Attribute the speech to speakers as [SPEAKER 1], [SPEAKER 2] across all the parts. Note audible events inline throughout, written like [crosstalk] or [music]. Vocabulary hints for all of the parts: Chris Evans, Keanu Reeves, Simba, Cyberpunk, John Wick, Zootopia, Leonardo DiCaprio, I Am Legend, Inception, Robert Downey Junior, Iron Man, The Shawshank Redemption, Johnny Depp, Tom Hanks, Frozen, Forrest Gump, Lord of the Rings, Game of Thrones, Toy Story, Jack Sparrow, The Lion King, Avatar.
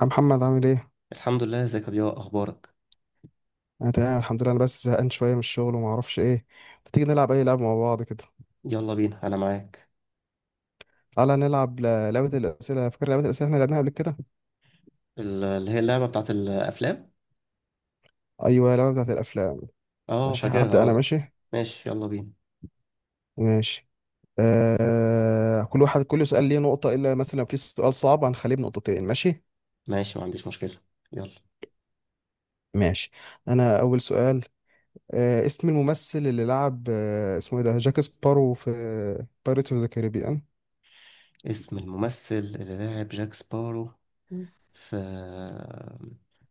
[SPEAKER 1] يا محمد، عامل ايه؟
[SPEAKER 2] الحمد لله، ازيك يا ضياء؟ اخبارك؟
[SPEAKER 1] انا تمام الحمد لله. انا بس زهقان شويه من الشغل وما اعرفش ايه. ما تيجي نلعب اي لعبه مع بعض كده.
[SPEAKER 2] يلا بينا، انا معاك.
[SPEAKER 1] تعالى نلعب لعبه الاسئله. فاكر لعبه الاسئله؟ احنا لعبناها قبل كده.
[SPEAKER 2] اللي هي اللعبه بتاعت الافلام.
[SPEAKER 1] ايوه، اللعبه بتاعت الافلام.
[SPEAKER 2] اه
[SPEAKER 1] ماشي
[SPEAKER 2] فاكرها،
[SPEAKER 1] هبدا انا.
[SPEAKER 2] اه.
[SPEAKER 1] ماشي
[SPEAKER 2] ماشي، يلا بينا.
[SPEAKER 1] ماشي. كل واحد، كل سؤال ليه نقطه، الا مثلا في سؤال صعب هنخليه بنقطتين. ماشي.
[SPEAKER 2] ماشي، ما عنديش مشكله. يلا.
[SPEAKER 1] ماشي، انا اول سؤال. اسم الممثل اللي لعب، اسمه ايه ده، جاك سبارو في بايرتس اوف ذا كاريبيان.
[SPEAKER 2] اسم الممثل اللي لعب جاك سبارو في...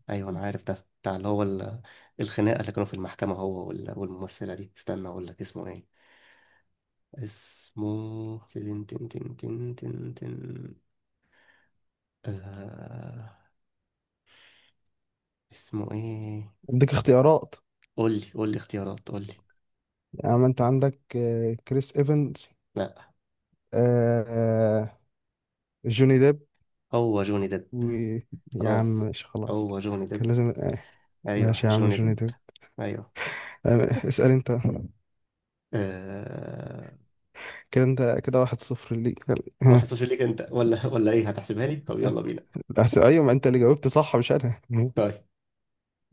[SPEAKER 2] ايوه انا عارف، ده بتاع اللي هو الخناقه اللي كانوا في المحكمه، هو والممثله دي، استنى اقول لك اسمه ايه. اسمه تن تن تن تن تن تن. آه... اسمه ايه؟
[SPEAKER 1] اديك [laughs] اختيارات.
[SPEAKER 2] قول لي اختيارات، قول لي.
[SPEAKER 1] يعني انت عندك كريس ايفنز،
[SPEAKER 2] لا،
[SPEAKER 1] آه جوني ديب،
[SPEAKER 2] هو جوني ديب.
[SPEAKER 1] و. يا عم
[SPEAKER 2] خلاص،
[SPEAKER 1] ماشي خلاص.
[SPEAKER 2] هو جوني
[SPEAKER 1] كان
[SPEAKER 2] ديب.
[SPEAKER 1] لازم
[SPEAKER 2] ايوه،
[SPEAKER 1] ماشي يا عم،
[SPEAKER 2] جوني
[SPEAKER 1] جوني
[SPEAKER 2] ديب.
[SPEAKER 1] ديب.
[SPEAKER 2] ايوه.
[SPEAKER 1] اسأل انت.
[SPEAKER 2] أه...
[SPEAKER 1] كده انت كده واحد صفر ليك. آه.
[SPEAKER 2] 1-0 ليك انت، ولا ايه، هتحسبها لي؟ طب يلا بينا.
[SPEAKER 1] ايوه، ما انت اللي جاوبت صح مش انا.
[SPEAKER 2] طيب.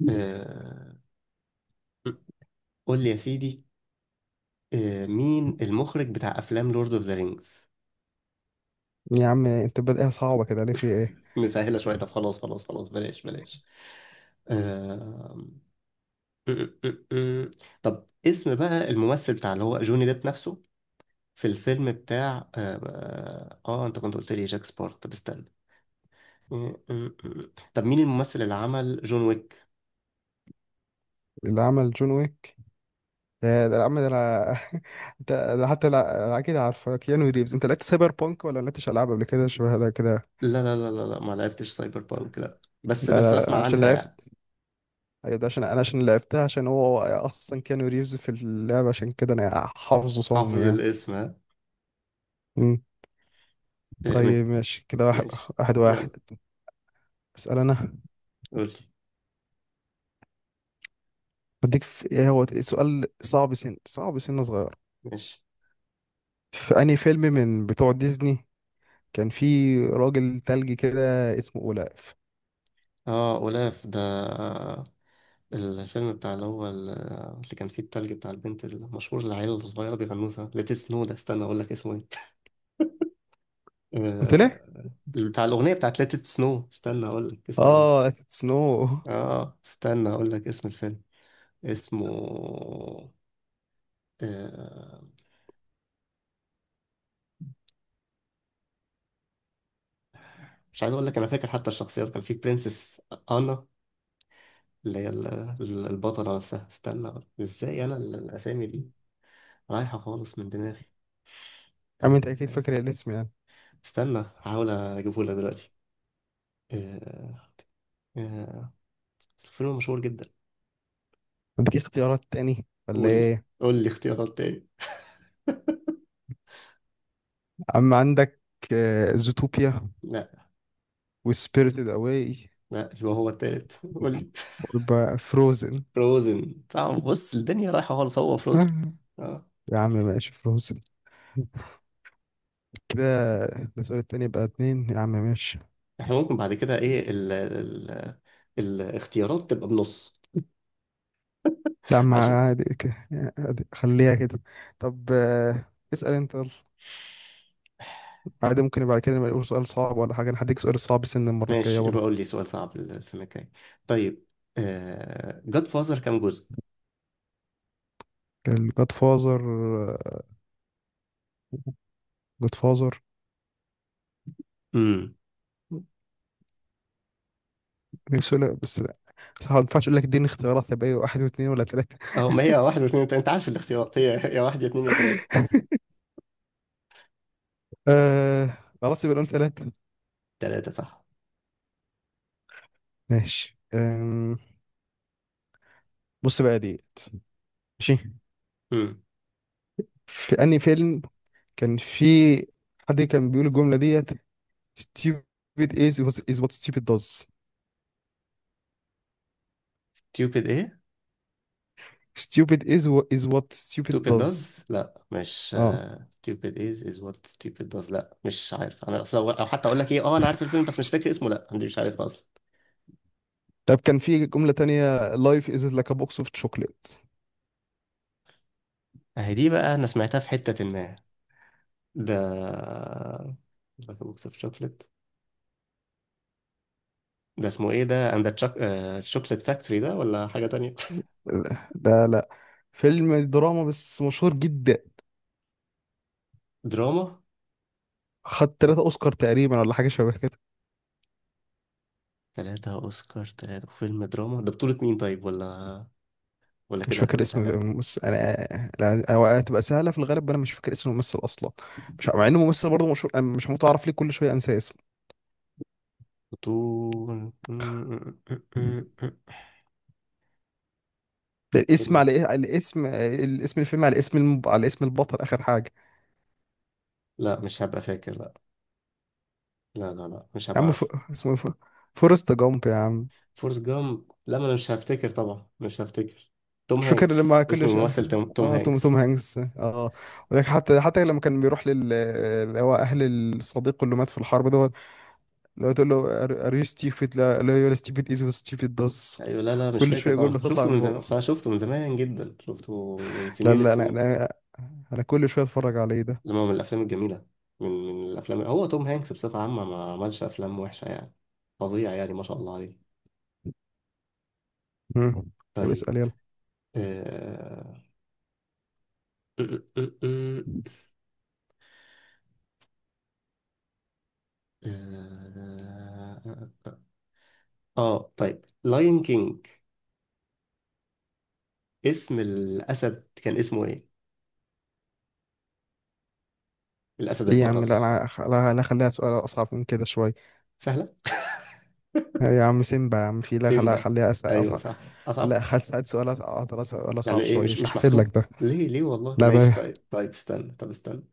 [SPEAKER 2] أه... قول لي يا سيدي. مين المخرج بتاع افلام لورد اوف ذا رينجز؟
[SPEAKER 1] يا عم، انت بادئها صعبة كده ليه؟ في ايه؟
[SPEAKER 2] [laughs] نسهلها شويه، طب خلاص خلاص خلاص، بلاش بلاش. أه... طب اسم بقى الممثل بتاع اللي هو جوني ديب نفسه، في الفيلم بتاع انت كنت قلت لي جاك سبارت. طب استنى. م- م- م. طب مين الممثل اللي عمل جون ويك؟
[SPEAKER 1] اللي عمل جون ويك؟ يا ده عم، ده انا [laughs] انت. ده حتى لا اكيد عارفه، كيانو ريفز. انت لعبت سايبر بانك ولا لعبتش العاب قبل كده شبه ده كده؟
[SPEAKER 2] لا لا لا لا لا، ما لعبتش سايبر بانك. لا، بس
[SPEAKER 1] لا
[SPEAKER 2] بس
[SPEAKER 1] لا لا،
[SPEAKER 2] اسمع
[SPEAKER 1] عشان
[SPEAKER 2] عنها يعني.
[SPEAKER 1] لعبت. ايوه، ده عشان انا، عشان لعبتها، عشان هو اصلا كانو ريفز في اللعبه، عشان كده انا حافظه صم
[SPEAKER 2] حافظ
[SPEAKER 1] يعني
[SPEAKER 2] الاسم، ها.
[SPEAKER 1] مم.
[SPEAKER 2] إيه،
[SPEAKER 1] طيب، ماشي كده واحد
[SPEAKER 2] ماشي.
[SPEAKER 1] واحد واحد.
[SPEAKER 2] يلا.
[SPEAKER 1] اسال انا.
[SPEAKER 2] قول لي.
[SPEAKER 1] بديك في ايه، هو سؤال صعب، سن صغير.
[SPEAKER 2] ماشي.
[SPEAKER 1] في انهي فيلم من بتوع ديزني كان في راجل تلج كده اسمه اولاف؟
[SPEAKER 2] اه، اولاف ده. الفيلم بتاع اللي هو اللي كان فيه التلج بتاع البنت المشهور، اللي العيلة الصغيرة بيغنوه ده، ليت سنو ده، استنى اقول لك اسمه ايه. [laughs]
[SPEAKER 1] قلت ليه
[SPEAKER 2] بتاع الاغنية بتاعت ليت سنو، استنى اقول لك اسمه ايه.
[SPEAKER 1] اه سنو.
[SPEAKER 2] اه، استنى اقول لك اسم الفيلم. اسمه... آه، مش عايز اقول لك، انا فاكر حتى الشخصيات، كان في برنسس. انا، اللي هي البطله نفسها، استنى. ازاي انا الاسامي دي رايحه خالص من دماغي.
[SPEAKER 1] [laughs] عم انت اكيد
[SPEAKER 2] آه،
[SPEAKER 1] فاكر الاسم يعني.
[SPEAKER 2] استنى هحاول اجيبه لك دلوقتي. آه، آه، بس الفيلم مشهور جدا.
[SPEAKER 1] بديك اختيارات تاني ولا
[SPEAKER 2] قول لي.
[SPEAKER 1] ايه؟
[SPEAKER 2] قول لي اختيارات تاني.
[SPEAKER 1] عم عندك زوتوبيا،
[SPEAKER 2] لا.
[SPEAKER 1] وسبيريتد اواي،
[SPEAKER 2] لا، يبقى هو التالت. [laughs] قول لي.
[SPEAKER 1] ويبقى فروزن.
[SPEAKER 2] فروزن؟ صعب، بص الدنيا رايحه خالص، هو فروزن.
[SPEAKER 1] آه،
[SPEAKER 2] اه.
[SPEAKER 1] يا عم ماشي، فروزن. كده ده السؤال التاني، بقى اتنين يا عم، ماشي.
[SPEAKER 2] احنا ممكن بعد كده ايه، ال الاختيارات تبقى بنص،
[SPEAKER 1] لا ما
[SPEAKER 2] عشان.
[SPEAKER 1] عادي عادي، خليها كده. طب اسأل انت يلا. عادي، ممكن بعد كده نبقى نقول سؤال صعب ولا حاجة. انا هديك سؤال صعب سن المرة الجاية
[SPEAKER 2] ماشي،
[SPEAKER 1] برضه.
[SPEAKER 2] يبقى قول لي سؤال صعب السنة الجاية. طيب. جاد فازر كام جزء؟
[SPEAKER 1] الجاد فازر. جاد فازر.
[SPEAKER 2] امم.
[SPEAKER 1] بس لا، بس ما ينفعش اقول لك. اديني اختيارات، هيبقى ايه، واحد واثنين ولا ثلاثة؟
[SPEAKER 2] اهو ما هي
[SPEAKER 1] [laughs]
[SPEAKER 2] واحد واثنين وتلاتة. انت عارف الاختيارات هي يا واحد يا اتنين يا تلاتة.
[SPEAKER 1] آه خلاص يبقى نقول ثلاثة.
[SPEAKER 2] تلاتة صح.
[SPEAKER 1] ماشي. بص بقى ديت. ماشي،
[SPEAKER 2] امم.
[SPEAKER 1] في أنهي فيلم كان في حد كان بيقول الجملة ديت: stupid is is what stupid does.
[SPEAKER 2] stupid ايه؟
[SPEAKER 1] stupid is what is what stupid
[SPEAKER 2] stupid
[SPEAKER 1] does.
[SPEAKER 2] does؟ لا مش،
[SPEAKER 1] اه
[SPEAKER 2] stupid is what stupid does. لا مش عارف انا اصلا، او حتى اقول لك ايه. اه، انا عارف الفيلم بس مش فاكر اسمه. لا، انا مش عارف اصلا.
[SPEAKER 1] طب كان في جملة تانية: life is like a box of chocolate.
[SPEAKER 2] اهي دي بقى، انا سمعتها في حتة ما. ده بوكس اوف شوكليت. ده اسمه ايه، ده اند الشوكليت فاكتوري ده، ولا حاجة تانية؟
[SPEAKER 1] لا ده لا. فيلم دراما بس مشهور جدا.
[SPEAKER 2] [laughs] دراما.
[SPEAKER 1] خد تلاتة أوسكار تقريبا ولا حاجة شبه كده.
[SPEAKER 2] ثلاثة أوسكار؟ ثلاثة؟ فيلم دراما ده بطولة مين طيب، ولا
[SPEAKER 1] مش
[SPEAKER 2] كده
[SPEAKER 1] فاكر
[SPEAKER 2] هتبقى
[SPEAKER 1] اسم
[SPEAKER 2] سهلة؟
[SPEAKER 1] الممثل أنا، لا. هو هتبقى سهلة في الغالب، أنا مش فاكر اسم الممثل أصلا. مش مع إنه ممثل برضه مشهور، أنا مش متعرف ليه كل شوية أنسى اسمه.
[SPEAKER 2] بطولة فيلم.
[SPEAKER 1] ده الاسم على الاسم، الفيلم على اسم على اسم البطل اخر حاجه.
[SPEAKER 2] لا مش هبقى فاكر، لا. لا لا لا، مش
[SPEAKER 1] يا
[SPEAKER 2] هبقى
[SPEAKER 1] عم
[SPEAKER 2] عارف.
[SPEAKER 1] اسمه فورست جامب يا عم.
[SPEAKER 2] فورست جامب؟ لا ما أنا مش هفتكر طبعا، مش هفتكر. توم
[SPEAKER 1] مش فاكر
[SPEAKER 2] هانكس
[SPEAKER 1] لما
[SPEAKER 2] اسم الممثل، توم
[SPEAKER 1] اه توم
[SPEAKER 2] هانكس.
[SPEAKER 1] توم هانكس اه ولكن حتى لما كان بيروح لل، اللي هو اهل الصديق اللي مات في الحرب دوت، اللي هو تقول له: ار يو ستيبيد؟ لا لا، يو ستيبيد از ستيبيد داز.
[SPEAKER 2] أيوة. لا لا، مش
[SPEAKER 1] كل
[SPEAKER 2] فاكر
[SPEAKER 1] شويه
[SPEAKER 2] طبعا،
[SPEAKER 1] جمله تطلع
[SPEAKER 2] شفته
[SPEAKER 1] من
[SPEAKER 2] من زمان، أصل
[SPEAKER 1] بقه.
[SPEAKER 2] أنا شفته من زمان جدا، شفته من
[SPEAKER 1] لا
[SPEAKER 2] سنين
[SPEAKER 1] لا، انا
[SPEAKER 2] السنين.
[SPEAKER 1] انا كل شويه اتفرج عليه ده
[SPEAKER 2] لما، من الأفلام الجميلة. من الأفلام، هو توم هانكس بصفة عامة ما عملش أفلام وحشة يعني، فظيع يعني، ما شاء الله عليه.
[SPEAKER 1] مم. طب
[SPEAKER 2] طيب.
[SPEAKER 1] اسال يلا.
[SPEAKER 2] آه آه، آه، آه، آه، آه. طيب لاين كينج. اسم الأسد كان اسمه إيه؟ الأسد
[SPEAKER 1] ايه يا عم،
[SPEAKER 2] البطل.
[SPEAKER 1] لا انا لا لا، خليها سؤال اصعب من كده شويه.
[SPEAKER 2] سهلة؟
[SPEAKER 1] يا عم سيمبا يا عم. في، لا، خليها
[SPEAKER 2] سيمبا.
[SPEAKER 1] خليها
[SPEAKER 2] أيوه
[SPEAKER 1] أصعب.
[SPEAKER 2] صح. أصعب.
[SPEAKER 1] خليها هسأل سؤال أقدر أسأل سؤال
[SPEAKER 2] يعني
[SPEAKER 1] أصعب
[SPEAKER 2] إيه
[SPEAKER 1] شوية،
[SPEAKER 2] مش
[SPEAKER 1] مش
[SPEAKER 2] مش
[SPEAKER 1] هحسب لك
[SPEAKER 2] محسوب،
[SPEAKER 1] ده.
[SPEAKER 2] ليه ليه والله؟
[SPEAKER 1] لا
[SPEAKER 2] ماشي
[SPEAKER 1] بقى.
[SPEAKER 2] طيب، طيب استنى، طب استنى.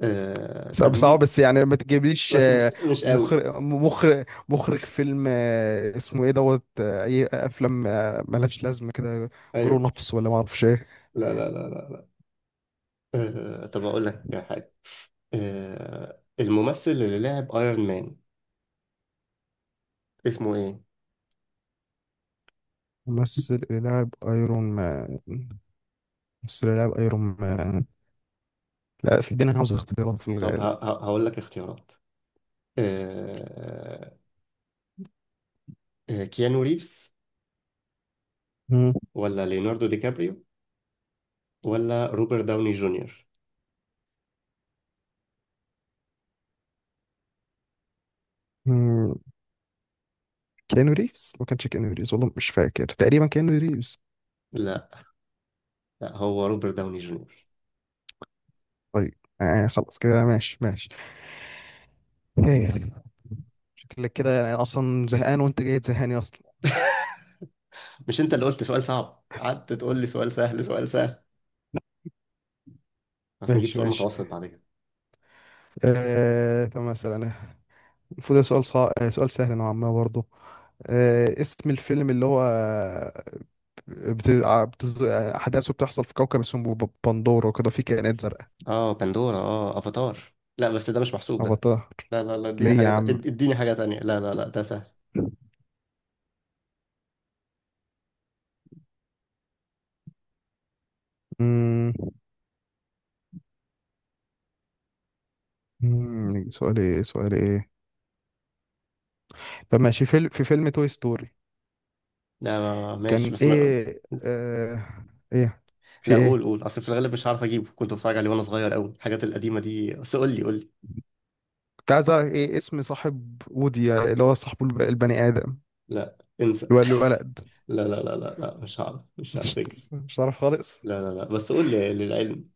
[SPEAKER 2] طب
[SPEAKER 1] صعب صعب
[SPEAKER 2] مين؟
[SPEAKER 1] بس يعني، ما تجيبليش
[SPEAKER 2] بس مش مش قوي.
[SPEAKER 1] مخرج فيلم اسمه إيه دوت أي أفلام ملهاش لازمة كده، جرون
[SPEAKER 2] أيوه.
[SPEAKER 1] أبس ولا ما أعرفش إيه.
[SPEAKER 2] لا لا لا لا. طب أقول لك حاجة. الممثل اللي لعب ايرون مان اسمه إيه؟
[SPEAKER 1] ممثل اللي لاعب أيرون مان، ممثل اللي لاعب أيرون مان. لا، في دينا عاوز اختيارات في
[SPEAKER 2] طب
[SPEAKER 1] الغالب
[SPEAKER 2] هقول لك اختيارات. آه، كيانو ريفز،
[SPEAKER 1] مم.
[SPEAKER 2] ولا ليوناردو دي كابريو، ولا روبرت داوني جونيور؟
[SPEAKER 1] مم. كيانو ريفز، ما كانش كيانو ريفز، والله مش فاكر، تقريبا كيانو ريفز.
[SPEAKER 2] لا. لا، هو روبرت داوني جونيور.
[SPEAKER 1] طيب، يعني خلاص كده، ماشي ماشي. هي. شكلك كده يعني اصلا زهقان وانت جاي تزهقني اصلا.
[SPEAKER 2] مش انت اللي قلت سؤال صعب؟ قعدت تقول لي سؤال سهل سؤال سهل. بس نجيب
[SPEAKER 1] ماشي
[SPEAKER 2] سؤال
[SPEAKER 1] ماشي.
[SPEAKER 2] متوسط بعد كده.
[SPEAKER 1] طب مثلا، المفروض ده سؤال سهل نوعا ما برضه. اسم الفيلم اللي هو أحداثه بتحصل في كوكب اسمه بندورة وكده، فيه كائنات زرقاء.
[SPEAKER 2] اه بندورة، اه افاتار. لا بس ده مش محسوب ده.
[SPEAKER 1] أفاتار.
[SPEAKER 2] لا لا لا، اديني
[SPEAKER 1] ليه يا عم؟
[SPEAKER 2] اديني حاجة تانية. لا لا لا، ده سهل.
[SPEAKER 1] مم. سؤال إيه، سؤال إيه. طب ماشي. في فيلم توي ستوري
[SPEAKER 2] لا، ماشي
[SPEAKER 1] كان
[SPEAKER 2] بس ما...
[SPEAKER 1] إيه، إيه في
[SPEAKER 2] لا قول،
[SPEAKER 1] إيه،
[SPEAKER 2] قول، اصل في الغالب مش هعرف اجيبه، كنت بتفرج عليه وانا صغير قوي الحاجات القديمة دي، بس قول لي قول لي.
[SPEAKER 1] كنت عايز اعرف ايه اسم صاحب وودي اللي هو صاحبه البني ادم،
[SPEAKER 2] لا انسى.
[SPEAKER 1] اللي هو الولد.
[SPEAKER 2] [laughs] لا لا لا لا لا، مش هعرف،
[SPEAKER 1] [laughs]
[SPEAKER 2] مش هفتكر.
[SPEAKER 1] مش مش عارف خالص.
[SPEAKER 2] لا لا لا، بس قول لي للعلم.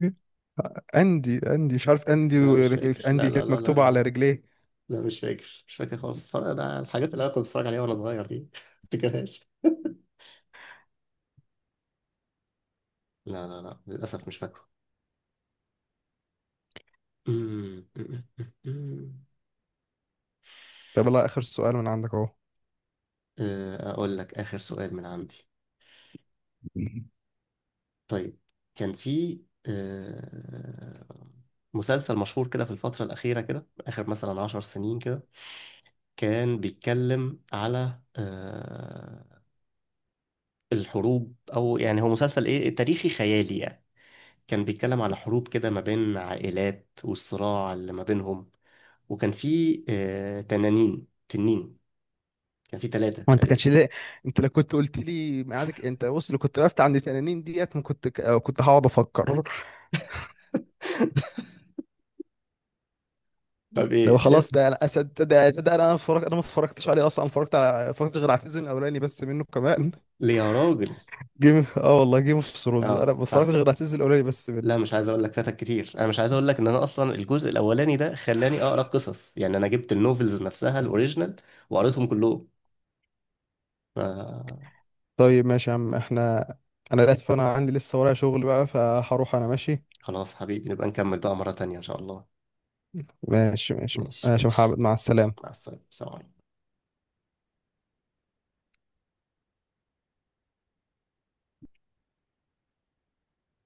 [SPEAKER 1] اندي مش عارف، اندي
[SPEAKER 2] لا مش فاكر، لا
[SPEAKER 1] اندي
[SPEAKER 2] لا
[SPEAKER 1] كانت
[SPEAKER 2] لا لا
[SPEAKER 1] مكتوبه
[SPEAKER 2] لا
[SPEAKER 1] على
[SPEAKER 2] لا.
[SPEAKER 1] رجليه.
[SPEAKER 2] لا مش فاكر مش فاكر خالص، فرق ده الحاجات اللي انا كنت بتفرج عليها وانا صغير دي. [laughs] ما افتكرهاش. لا لا لا للاسف، مش فاكره. أمم، أمم، أمم.
[SPEAKER 1] طب لا اخر سؤال من عندك اهو.
[SPEAKER 2] اقول لك اخر سؤال من عندي.
[SPEAKER 1] [laughs]
[SPEAKER 2] طيب. كان في آه، مسلسل مشهور كده في الفترة الأخيرة كده، آخر مثلا 10 سنين كده، كان بيتكلم على الحروب، أو يعني هو مسلسل إيه، تاريخي خيالي يعني. كان بيتكلم على حروب كده ما بين عائلات والصراع اللي ما بينهم. وكان في تنانين، تنين، كان في ثلاثة
[SPEAKER 1] هو انت كانش
[SPEAKER 2] تقريبا.
[SPEAKER 1] ليه، انت لو كنت قلت لي ميعادك، انت بص، لو كنت وقفت عند 80 ديت ما كنت أو كنت هقعد افكر. [laughs]
[SPEAKER 2] طب
[SPEAKER 1] لو
[SPEAKER 2] ايه
[SPEAKER 1] خلاص
[SPEAKER 2] عرفت.
[SPEAKER 1] ده انا اسد، ده انا اتفرجت. انا ما اتفرجتش عليه اصلا، اتفرجت غير على السيزون الاولاني بس منه كمان.
[SPEAKER 2] ليه يا راجل.
[SPEAKER 1] جيم اه والله جيم اوف ثرونز انا
[SPEAKER 2] اه
[SPEAKER 1] ما
[SPEAKER 2] صح.
[SPEAKER 1] اتفرجتش غير على السيزون الاولاني بس منه.
[SPEAKER 2] لا مش عايز اقول لك، فاتك كتير، انا مش عايز اقول لك، ان انا اصلا الجزء الاولاني ده خلاني اقرا قصص يعني، انا جبت النوفلز نفسها الاوريجينال وقريتهم كلهم. آه.
[SPEAKER 1] طيب ماشي يا عم، انا للاسف انا عندي لسه ورايا شغل بقى، فهروح انا، ماشي.
[SPEAKER 2] خلاص حبيبي، نبقى نكمل بقى مرة تانية ان شاء الله.
[SPEAKER 1] ماشي ماشي
[SPEAKER 2] ماشي
[SPEAKER 1] ماشي يا
[SPEAKER 2] ماشي،
[SPEAKER 1] محمد، مع السلامة.
[SPEAKER 2] مع السلامة. سلام عليكم.